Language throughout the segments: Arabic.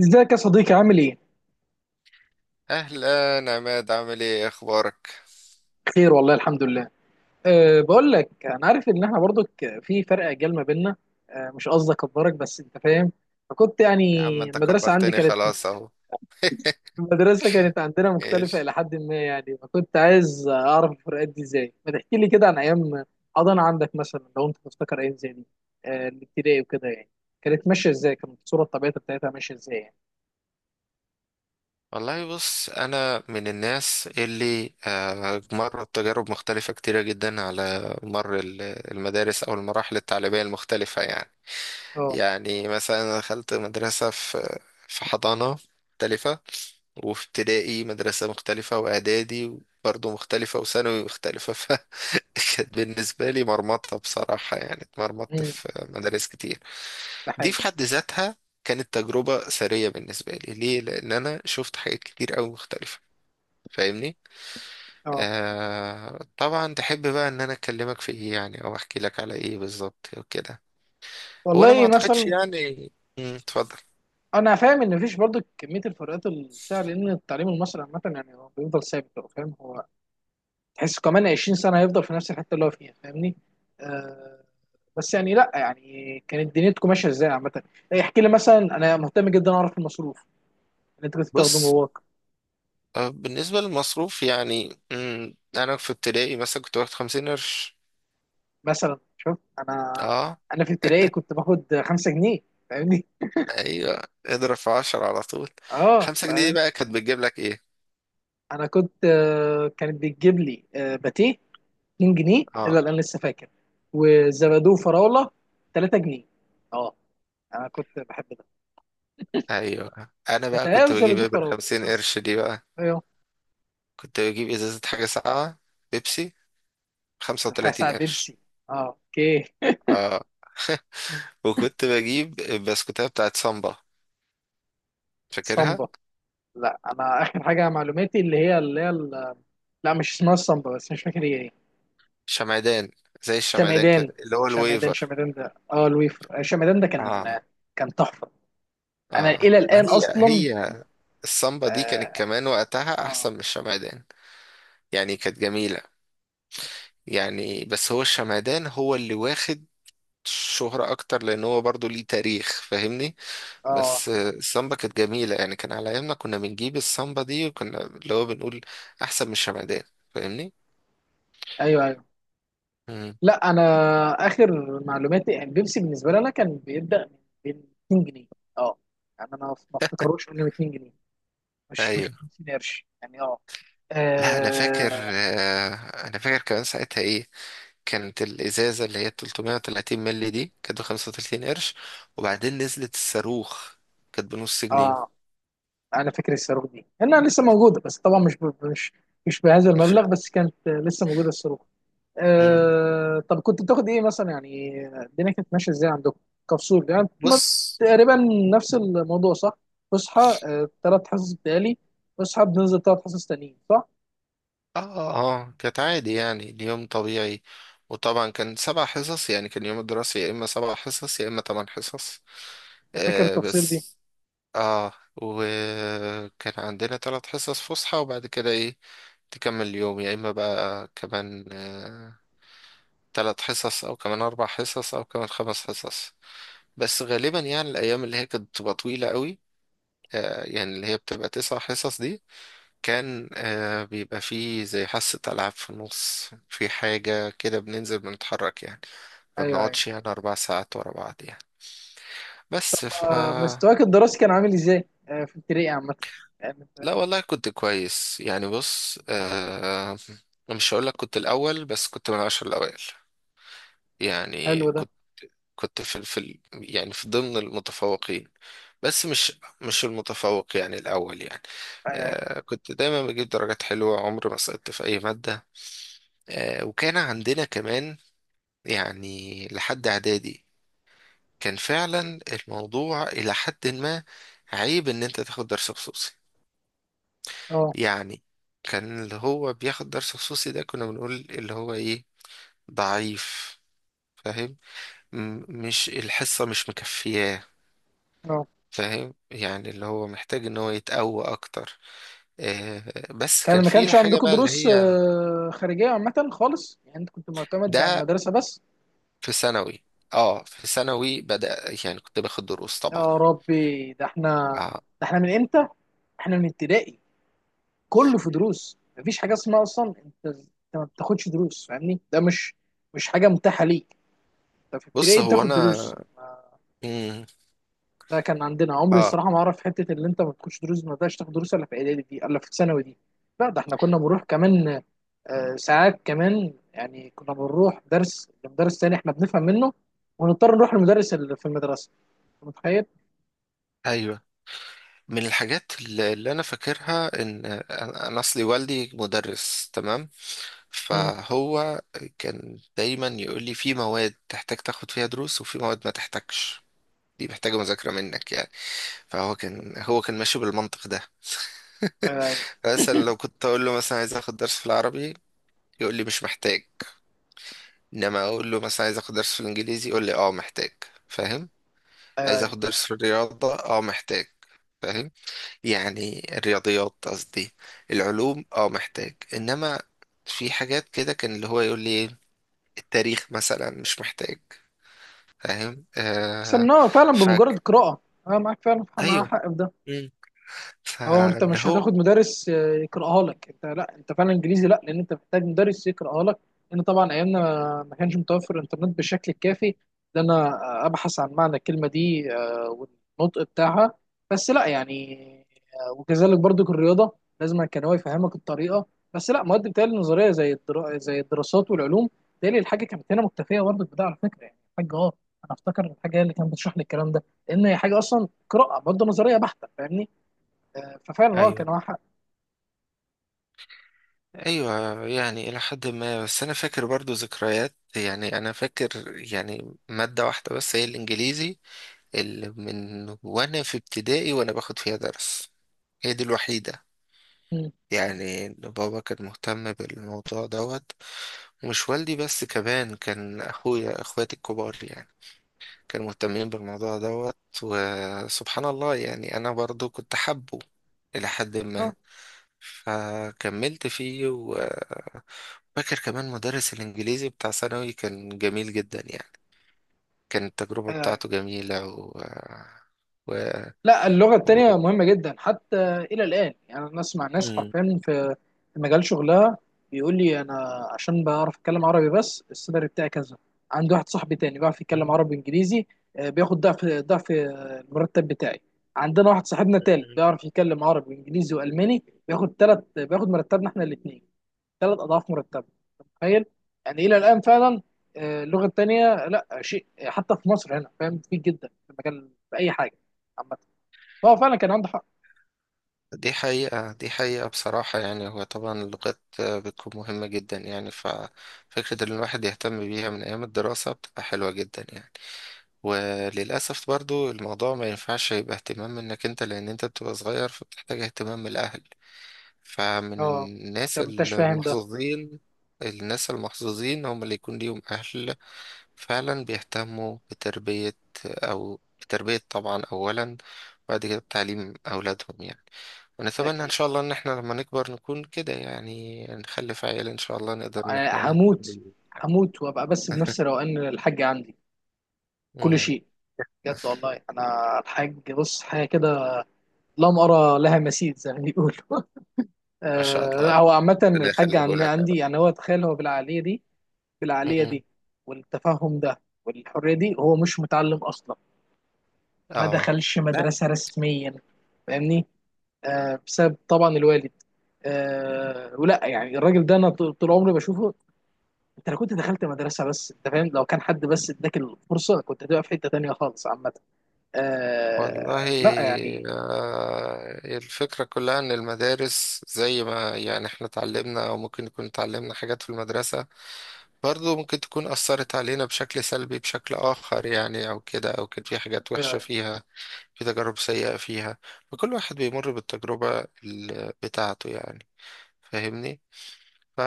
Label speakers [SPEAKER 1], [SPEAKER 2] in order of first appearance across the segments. [SPEAKER 1] ازيك يا صديقي عامل ايه؟
[SPEAKER 2] اهلا عماد، عامل ايه؟ إيه اخبارك؟
[SPEAKER 1] بخير والله الحمد لله. بقول لك، انا عارف ان احنا برضو في فرق اجيال ما بيننا. مش قصدي اكبرك، بس انت فاهم. فكنت يعني
[SPEAKER 2] يا عم انت
[SPEAKER 1] المدرسه عندي
[SPEAKER 2] كبرتني
[SPEAKER 1] كانت
[SPEAKER 2] خلاص اهو.
[SPEAKER 1] المدرسه كانت عندنا مختلفه
[SPEAKER 2] ايش؟
[SPEAKER 1] الى حد ما يعني، فكنت عايز اعرف الفروقات دي ازاي؟ ما تحكي لي كده عن ايام حضانه عندك مثلا، لو انت تفتكر ايام زي دي. الابتدائي وكده يعني كانت ماشيه ازاي؟ كانت الصوره الطبيعيه بتاعتها ماشيه ازاي يعني؟
[SPEAKER 2] والله بص، انا من الناس اللي مرت تجارب مختلفة كتيرة جدا على مر المدارس او المراحل التعليمية المختلفة يعني.
[SPEAKER 1] اه.
[SPEAKER 2] يعني مثلا أنا دخلت مدرسة في حضانة مختلفة، وفي ابتدائي مدرسة مختلفة، واعدادي برضه مختلفة، وثانوي مختلفة. فكانت بالنسبة لي مرمطة بصراحة يعني، اتمرمطت
[SPEAKER 1] امم
[SPEAKER 2] في مدارس كتير.
[SPEAKER 1] ده
[SPEAKER 2] دي
[SPEAKER 1] حقيقي.
[SPEAKER 2] في حد ذاتها كانت تجربة ثرية بالنسبة لي. ليه؟ لأن أنا شفت حاجات كتير أوي مختلفة. فاهمني؟
[SPEAKER 1] اه،
[SPEAKER 2] آه طبعا. تحب بقى إن أنا أكلمك في إيه يعني، أو أحكي لك على إيه بالظبط وكده؟ هو أنا ما
[SPEAKER 1] والله
[SPEAKER 2] أعتقدش
[SPEAKER 1] مثلا
[SPEAKER 2] يعني. مم، اتفضل.
[SPEAKER 1] انا فاهم ان مفيش برضه كميه الفروقات بتاع، لان التعليم المصري عامه يعني هو بيفضل ثابت، هو فاهم، هو تحس كمان 20 سنه هيفضل في نفس الحته اللي هو فيها، فاهمني. آه. بس يعني لا يعني كانت دنيتكم ماشيه ازاي عامه؟ إيه، احكي لي مثلا، انا مهتم جدا اعرف المصروف اللي انت كنت بتاخده من
[SPEAKER 2] بص
[SPEAKER 1] باباك.
[SPEAKER 2] بالنسبة للمصروف يعني، أنا في ابتدائي مثلا كنت واخد 50 قرش.
[SPEAKER 1] مثلا شوف انا
[SPEAKER 2] أه.
[SPEAKER 1] انا في ابتدائي كنت باخد 5 جنيه، فاهمني.
[SPEAKER 2] أيوه، اضرب في عشرة على طول.
[SPEAKER 1] اه
[SPEAKER 2] 5 جنيه دي
[SPEAKER 1] فاهم.
[SPEAKER 2] بقى كانت بتجيب لك إيه؟
[SPEAKER 1] انا كنت كانت بتجيب لي باتيه 2 جنيه، الا
[SPEAKER 2] أه.
[SPEAKER 1] الان لسه فاكر، وزبادو فراوله 3 جنيه. اه، انا كنت بحب ده.
[SPEAKER 2] أيوه، أنا بقى
[SPEAKER 1] بتهيألي
[SPEAKER 2] كنت بجيب
[SPEAKER 1] زبادو
[SPEAKER 2] إيه
[SPEAKER 1] فراوله
[SPEAKER 2] بالخمسين
[SPEAKER 1] بس.
[SPEAKER 2] قرش دي بقى؟
[SPEAKER 1] ايوه.
[SPEAKER 2] كنت بجيب ازازة حاجة ساقعة، بيبسي، خمسة
[SPEAKER 1] الحاجه
[SPEAKER 2] وتلاتين
[SPEAKER 1] ساعه
[SPEAKER 2] قرش
[SPEAKER 1] بيبسي، اه اوكي.
[SPEAKER 2] اه. وكنت بجيب البسكوتة بتاعت سامبا، فاكرها؟
[SPEAKER 1] صمبا، لا انا اخر حاجه معلوماتي اللي هي لا، مش اسمها الصمبا، بس مش فاكر هي ايه.
[SPEAKER 2] شمعدان. زي الشمعدان
[SPEAKER 1] شمعدان.
[SPEAKER 2] كده، اللي هو
[SPEAKER 1] شمعدان،
[SPEAKER 2] الويفر.
[SPEAKER 1] شمعدان ده اه الويفر، شمعدان ده كان
[SPEAKER 2] اه.
[SPEAKER 1] كان تحفه. انا
[SPEAKER 2] اه،
[SPEAKER 1] الى
[SPEAKER 2] ما
[SPEAKER 1] الان
[SPEAKER 2] هي
[SPEAKER 1] اصلا،
[SPEAKER 2] هي. السامبا دي كانت
[SPEAKER 1] اه.
[SPEAKER 2] كمان وقتها
[SPEAKER 1] اه.
[SPEAKER 2] احسن من الشمعدان يعني، كانت جميلة يعني. بس هو الشمعدان هو اللي واخد شهرة اكتر لان هو برضو ليه تاريخ، فاهمني؟
[SPEAKER 1] آه.
[SPEAKER 2] بس السامبا كانت جميلة يعني، كان على أيامنا كنا بنجيب السامبا دي، وكنا اللي هو بنقول أحسن من الشمعدان. فاهمني؟
[SPEAKER 1] ايوه ايوه.
[SPEAKER 2] مم.
[SPEAKER 1] لا انا اخر معلوماتي يعني بيبسي بالنسبه لي، انا كان بيبدا من 200 جنيه. اه يعني انا ما افتكروش انه 200 جنيه، مش ب
[SPEAKER 2] أيوه.
[SPEAKER 1] 50 قرش يعني. اه
[SPEAKER 2] لا أنا فاكر،
[SPEAKER 1] اه.
[SPEAKER 2] أنا فاكر كمان ساعتها إيه. كانت الإزازة اللي هي 330 مللي دي كانت ب 35 قرش، وبعدين نزلت الصاروخ، كانت بنص جنيه.
[SPEAKER 1] آه، انا فاكر الصاروخ دي انها لسه موجوده، بس طبعا مش بهذا
[SPEAKER 2] مش-
[SPEAKER 1] المبلغ، بس كانت لسه موجوده الصاروخ.
[SPEAKER 2] مم.
[SPEAKER 1] آه، طب كنت بتاخد ايه مثلا؟ يعني الدنيا كانت ماشيه ازاي عندكم كفصول يعني
[SPEAKER 2] بص.
[SPEAKER 1] تقريبا نفس الموضوع صح؟ تصحى ثلاث حصص بتالي، بصحى بننزل ثلاث حصص تانيين.
[SPEAKER 2] اه. اه، كانت عادي يعني، اليوم طبيعي. وطبعا كان 7 حصص يعني، كان يوم الدراسي يا اما 7 حصص يا اما 8 حصص.
[SPEAKER 1] انت فاكر
[SPEAKER 2] آه
[SPEAKER 1] التفاصيل دي؟
[SPEAKER 2] بس، اه، وكان عندنا 3 حصص فسحة، وبعد كده ايه، تكمل اليوم يا اما بقى كمان 3 حصص او كمان 4 حصص او كمان 5 حصص. بس غالبا يعني الايام اللي هي كانت بتبقى طويلة قوي، آه، يعني اللي هي بتبقى 9 حصص دي، كان بيبقى فيه زي حصة ألعاب في النص، في حاجة كده بننزل بنتحرك يعني، ما
[SPEAKER 1] ايوه ايوه.
[SPEAKER 2] بنقعدش يعني 4 ساعات ورا بعض يعني. بس
[SPEAKER 1] مستواك الدراسي كان عامل ازاي في ابتدائي عامه؟ يعني
[SPEAKER 2] لا والله كنت كويس يعني. بص مش هقولك كنت الأول، بس كنت من العشر الأوائل يعني.
[SPEAKER 1] حلو ده.
[SPEAKER 2] كنت كنت في ال- في ال- يعني في ضمن المتفوقين، بس مش المتفوق يعني الأول يعني.
[SPEAKER 1] ايوه ايوه.
[SPEAKER 2] آه، كنت دايما بجيب درجات حلوة، عمري ما سقطت في أي مادة. آه، وكان عندنا كمان يعني لحد اعدادي، كان فعلا الموضوع الى حد ما عيب ان انت تاخد درس خصوصي
[SPEAKER 1] اه
[SPEAKER 2] يعني. كان اللي هو بياخد درس خصوصي ده كنا بنقول اللي هو ايه؟ ضعيف. فاهم؟ مش الحصة مش مكفياه.
[SPEAKER 1] اه،
[SPEAKER 2] فاهم يعني اللي هو محتاج ان هو يتقوى اكتر. آه، بس كان
[SPEAKER 1] كان ما
[SPEAKER 2] في
[SPEAKER 1] كانش
[SPEAKER 2] الحاجة
[SPEAKER 1] عندكم
[SPEAKER 2] بقى اللي
[SPEAKER 1] دروس
[SPEAKER 2] هي.
[SPEAKER 1] خارجيه عامه خالص؟ يعني انت كنت معتمد على
[SPEAKER 2] ده
[SPEAKER 1] المدرسه بس.
[SPEAKER 2] في ثانوي، اه في ثانوي بدأ يعني، كنت باخد دروس طبعا.
[SPEAKER 1] يا ربي، ده احنا،
[SPEAKER 2] آه.
[SPEAKER 1] ده احنا من امتى، احنا من ابتدائي كله في دروس. مفيش حاجه اسمها اصلا انت ما بتاخدش دروس، فاهمني؟ ده مش حاجه متاحه ليك. انت في
[SPEAKER 2] بص
[SPEAKER 1] ابتدائي
[SPEAKER 2] هو
[SPEAKER 1] بتاخد
[SPEAKER 2] انا،
[SPEAKER 1] دروس.
[SPEAKER 2] مم.
[SPEAKER 1] لا، كان عندنا، عمري
[SPEAKER 2] اه،
[SPEAKER 1] الصراحه ما اعرف حته اللي انت ما بتخش دروس، ما تقدرش تاخد دروس الا في اعدادي دي، الا في ثانوي دي. لا ده احنا كنا بنروح كمان ساعات كمان، يعني كنا بنروح درس لمدرس تاني احنا بنفهم منه، ونضطر نروح للمدرس اللي في المدرسه. أنت متخيل؟
[SPEAKER 2] ايوه، من الحاجات اللي انا فاكرها، ان أنا اصلي والدي مدرس، تمام؟
[SPEAKER 1] مم.
[SPEAKER 2] فهو كان دايما يقول لي في مواد تحتاج تاخد فيها دروس، وفي مواد ما تحتاجش، دي محتاجه مذاكره منك يعني. فهو كان هو كان ماشي بالمنطق ده.
[SPEAKER 1] ايوه ايوه،
[SPEAKER 2] مثلا لو كنت اقول له مثلا عايز اخد درس في العربي، يقول لي مش محتاج. انما اقول له مثلا عايز اخد درس في الانجليزي، يقول لي اه محتاج. فاهم؟
[SPEAKER 1] ايوه
[SPEAKER 2] عايز
[SPEAKER 1] ايوه.
[SPEAKER 2] اخد درس في الرياضه، اه محتاج. فاهم؟ يعني الرياضيات قصدي. العلوم، اه محتاج. انما في حاجات كده كان اللي هو يقول لي التاريخ مثلا مش محتاج. فاهم؟
[SPEAKER 1] احسن ان
[SPEAKER 2] آه.
[SPEAKER 1] هو فعلا بمجرد
[SPEAKER 2] فك
[SPEAKER 1] قراءه. انا معاك، فعلا مع
[SPEAKER 2] ايوه.
[SPEAKER 1] حق في ده.
[SPEAKER 2] مم.
[SPEAKER 1] هو انت
[SPEAKER 2] فاللي
[SPEAKER 1] مش
[SPEAKER 2] هو،
[SPEAKER 1] هتاخد مدرس يقراها لك، انت لا، انت فعلا انجليزي لا، لان انت محتاج مدرس يقراها لك، لان طبعا ايامنا ما كانش متوفر الانترنت بالشكل الكافي ان انا ابحث عن معنى الكلمه دي، والنطق بتاعها. بس لا يعني وكذلك برضو الرياضه، لازم كان هو يفهمك الطريقه. بس لا، مواد بتهيألي النظريه زي الدراسات والعلوم بتهيألي الحاجه كانت هنا مكتفيه برضو بده، على فكره يعني الحاجه اه، انا افتكر الحاجه هي اللي كانت بتشرح لي الكلام ده، لان هي حاجه اصلا قراءه برضو نظريه بحته، فاهمني. ففعلا هو كان
[SPEAKER 2] ايوه
[SPEAKER 1] واحد.
[SPEAKER 2] ايوه. يعني الى حد ما، بس انا فاكر برضو ذكريات يعني، انا فاكر يعني مادة واحدة بس هي الانجليزي، اللي من وانا في ابتدائي وانا باخد فيها درس، هي دي الوحيدة
[SPEAKER 1] مم.
[SPEAKER 2] يعني. إن بابا كان مهتم بالموضوع دوت، ومش والدي بس، كمان كان أخويا أخواتي الكبار يعني كانوا مهتمين بالموضوع دوت. وسبحان الله يعني أنا برضو كنت حابه إلى حد ما،
[SPEAKER 1] اه.
[SPEAKER 2] فكملت فيه فاكر كمان مدرس الإنجليزي بتاع ثانوي كان جميل جدا يعني، كانت التجربة
[SPEAKER 1] آه.
[SPEAKER 2] بتاعته جميلة و...
[SPEAKER 1] لا، اللغه
[SPEAKER 2] و...
[SPEAKER 1] التانيه مهمه جدا، حتى الى الان، يعني انا اسمع ناس حرفيا في مجال شغلها بيقول لي انا عشان بعرف اتكلم عربي بس السالري بتاعي كذا، عندي واحد صاحبي تاني بيعرف يتكلم عربي انجليزي، بياخد ضعف ضعف المرتب بتاعي. عندنا واحد صاحبنا تالت
[SPEAKER 2] مم.
[SPEAKER 1] بيعرف يتكلم عربي وانجليزي والماني، بياخد تلت، بياخد مرتبنا احنا الاثنين، ثلاث اضعاف مرتبه. أنت متخيل؟ يعني الى الان فعلا اللغه الثانيه لا شيء، حتى في مصر هنا، فاهم كتير جدا في المجال، في اي حاجه عامه. هو فعلا كان عنده حق.
[SPEAKER 2] دي حقيقة، دي حقيقة بصراحة يعني. هو طبعا اللغات بتكون مهمة جدا يعني، ففكرة إن الواحد يهتم بيها من أيام الدراسة بتبقى حلوة جدا يعني. وللأسف برضو الموضوع ما ينفعش يبقى اهتمام منك أنت، لأن أنت بتبقى صغير، فبتحتاج اهتمام من الأهل. فمن
[SPEAKER 1] اه. انت
[SPEAKER 2] الناس
[SPEAKER 1] ما انتش فاهم ده،
[SPEAKER 2] المحظوظين، الناس المحظوظين هم اللي يكون ليهم أهل فعلا بيهتموا بتربية، أو بتربية طبعا أولا، وبعد كده بتعليم أولادهم يعني.
[SPEAKER 1] ده
[SPEAKER 2] ونتمنى إن
[SPEAKER 1] اكيد.
[SPEAKER 2] شاء الله إن إحنا لما نكبر نكون كده يعني، نخلف عيال إن شاء الله نقدر إن إحنا
[SPEAKER 1] انا
[SPEAKER 2] نهتم بيهم يعني.
[SPEAKER 1] هموت وابقى بس بنفس روقان الحاج عندي. كل
[SPEAKER 2] مم.
[SPEAKER 1] شيء، بجد والله انا الحاج، بص حاجه كده لم ارى لها مثيل زي ما بيقولوا
[SPEAKER 2] ما شاء الله يا
[SPEAKER 1] لا
[SPEAKER 2] رب،
[SPEAKER 1] هو عامه
[SPEAKER 2] ربنا
[SPEAKER 1] الحاج
[SPEAKER 2] يخليه لك يا
[SPEAKER 1] عندي،
[SPEAKER 2] رب.
[SPEAKER 1] يعني هو تخيل هو بالعقليه دي، في العقلية
[SPEAKER 2] مم.
[SPEAKER 1] دي، والتفهم ده، والحرية دي، هو مش متعلم أصلا، ما
[SPEAKER 2] آه.
[SPEAKER 1] دخلش مدرسة رسميا، فاهمني. بسبب طبعا الوالد. ولا يعني، الراجل ده أنا طول طول عمري بشوفه. أنت لو كنت دخلت مدرسة، بس أنت فاهم، لو كان حد بس إداك الفرصة كنت هتبقى في حتة تانية خالص عامة.
[SPEAKER 2] والله
[SPEAKER 1] لا يعني.
[SPEAKER 2] الفكرة كلها إن المدارس زي ما يعني إحنا اتعلمنا، أو ممكن نكون اتعلمنا حاجات في المدرسة برضو ممكن تكون أثرت علينا بشكل سلبي بشكل آخر يعني، أو كده، أو كان في حاجات وحشة
[SPEAKER 1] آه
[SPEAKER 2] فيها، في تجارب سيئة فيها. فكل واحد بيمر بالتجربة بتاعته يعني. فاهمني؟ ف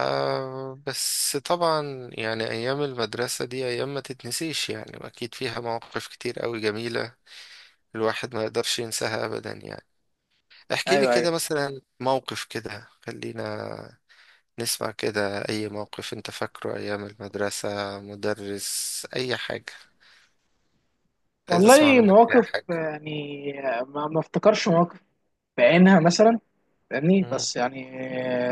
[SPEAKER 2] بس طبعا يعني أيام المدرسة دي أيام ما تتنسيش يعني، أكيد فيها مواقف كتير أوي جميلة الواحد ما يقدرش ينساها أبدا يعني. احكي لي
[SPEAKER 1] أيوه أيوه.
[SPEAKER 2] كده مثلا موقف كده، خلينا نسمع كده، اي موقف انت فاكره ايام المدرسة، مدرس، اي حاجة، عايز اسمع
[SPEAKER 1] والله
[SPEAKER 2] منك اي
[SPEAKER 1] مواقف
[SPEAKER 2] حاجة.
[SPEAKER 1] يعني، ما افتكرش مواقف بعينها مثلا، فاهمني.
[SPEAKER 2] مم.
[SPEAKER 1] بس يعني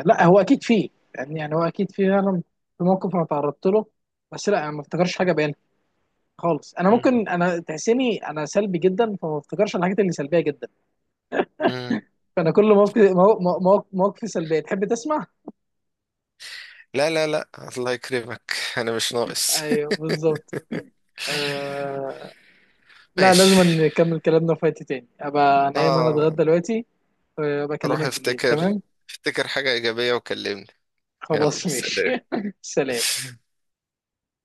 [SPEAKER 1] لا، هو اكيد فيه، يعني هو اكيد فيه، انا في موقف انا تعرضت له، بس لا انا ما افتكرش حاجه بينها خالص. انا
[SPEAKER 2] مم.
[SPEAKER 1] ممكن انا تحسيني انا سلبي جدا، فما افتكرش الحاجات اللي سلبيه جدا،
[SPEAKER 2] مم.
[SPEAKER 1] فانا كل موقف مواقفي سلبيه. تحب تسمع؟
[SPEAKER 2] لا لا لا، الله يكرمك. انا مش ناقص.
[SPEAKER 1] ايوه بالظبط. آه... لا لازم
[SPEAKER 2] ماشي.
[SPEAKER 1] نكمل كلامنا في وقت تاني، ابقى نايم، انا
[SPEAKER 2] اه،
[SPEAKER 1] اتغدى دلوقتي وابقى
[SPEAKER 2] روح
[SPEAKER 1] اكلمك بالليل،
[SPEAKER 2] افتكر،
[SPEAKER 1] تمام.
[SPEAKER 2] افتكر حاجة ايجابية وكلمني. يلا
[SPEAKER 1] خلاص ماشي.
[SPEAKER 2] سلام.
[SPEAKER 1] سلام.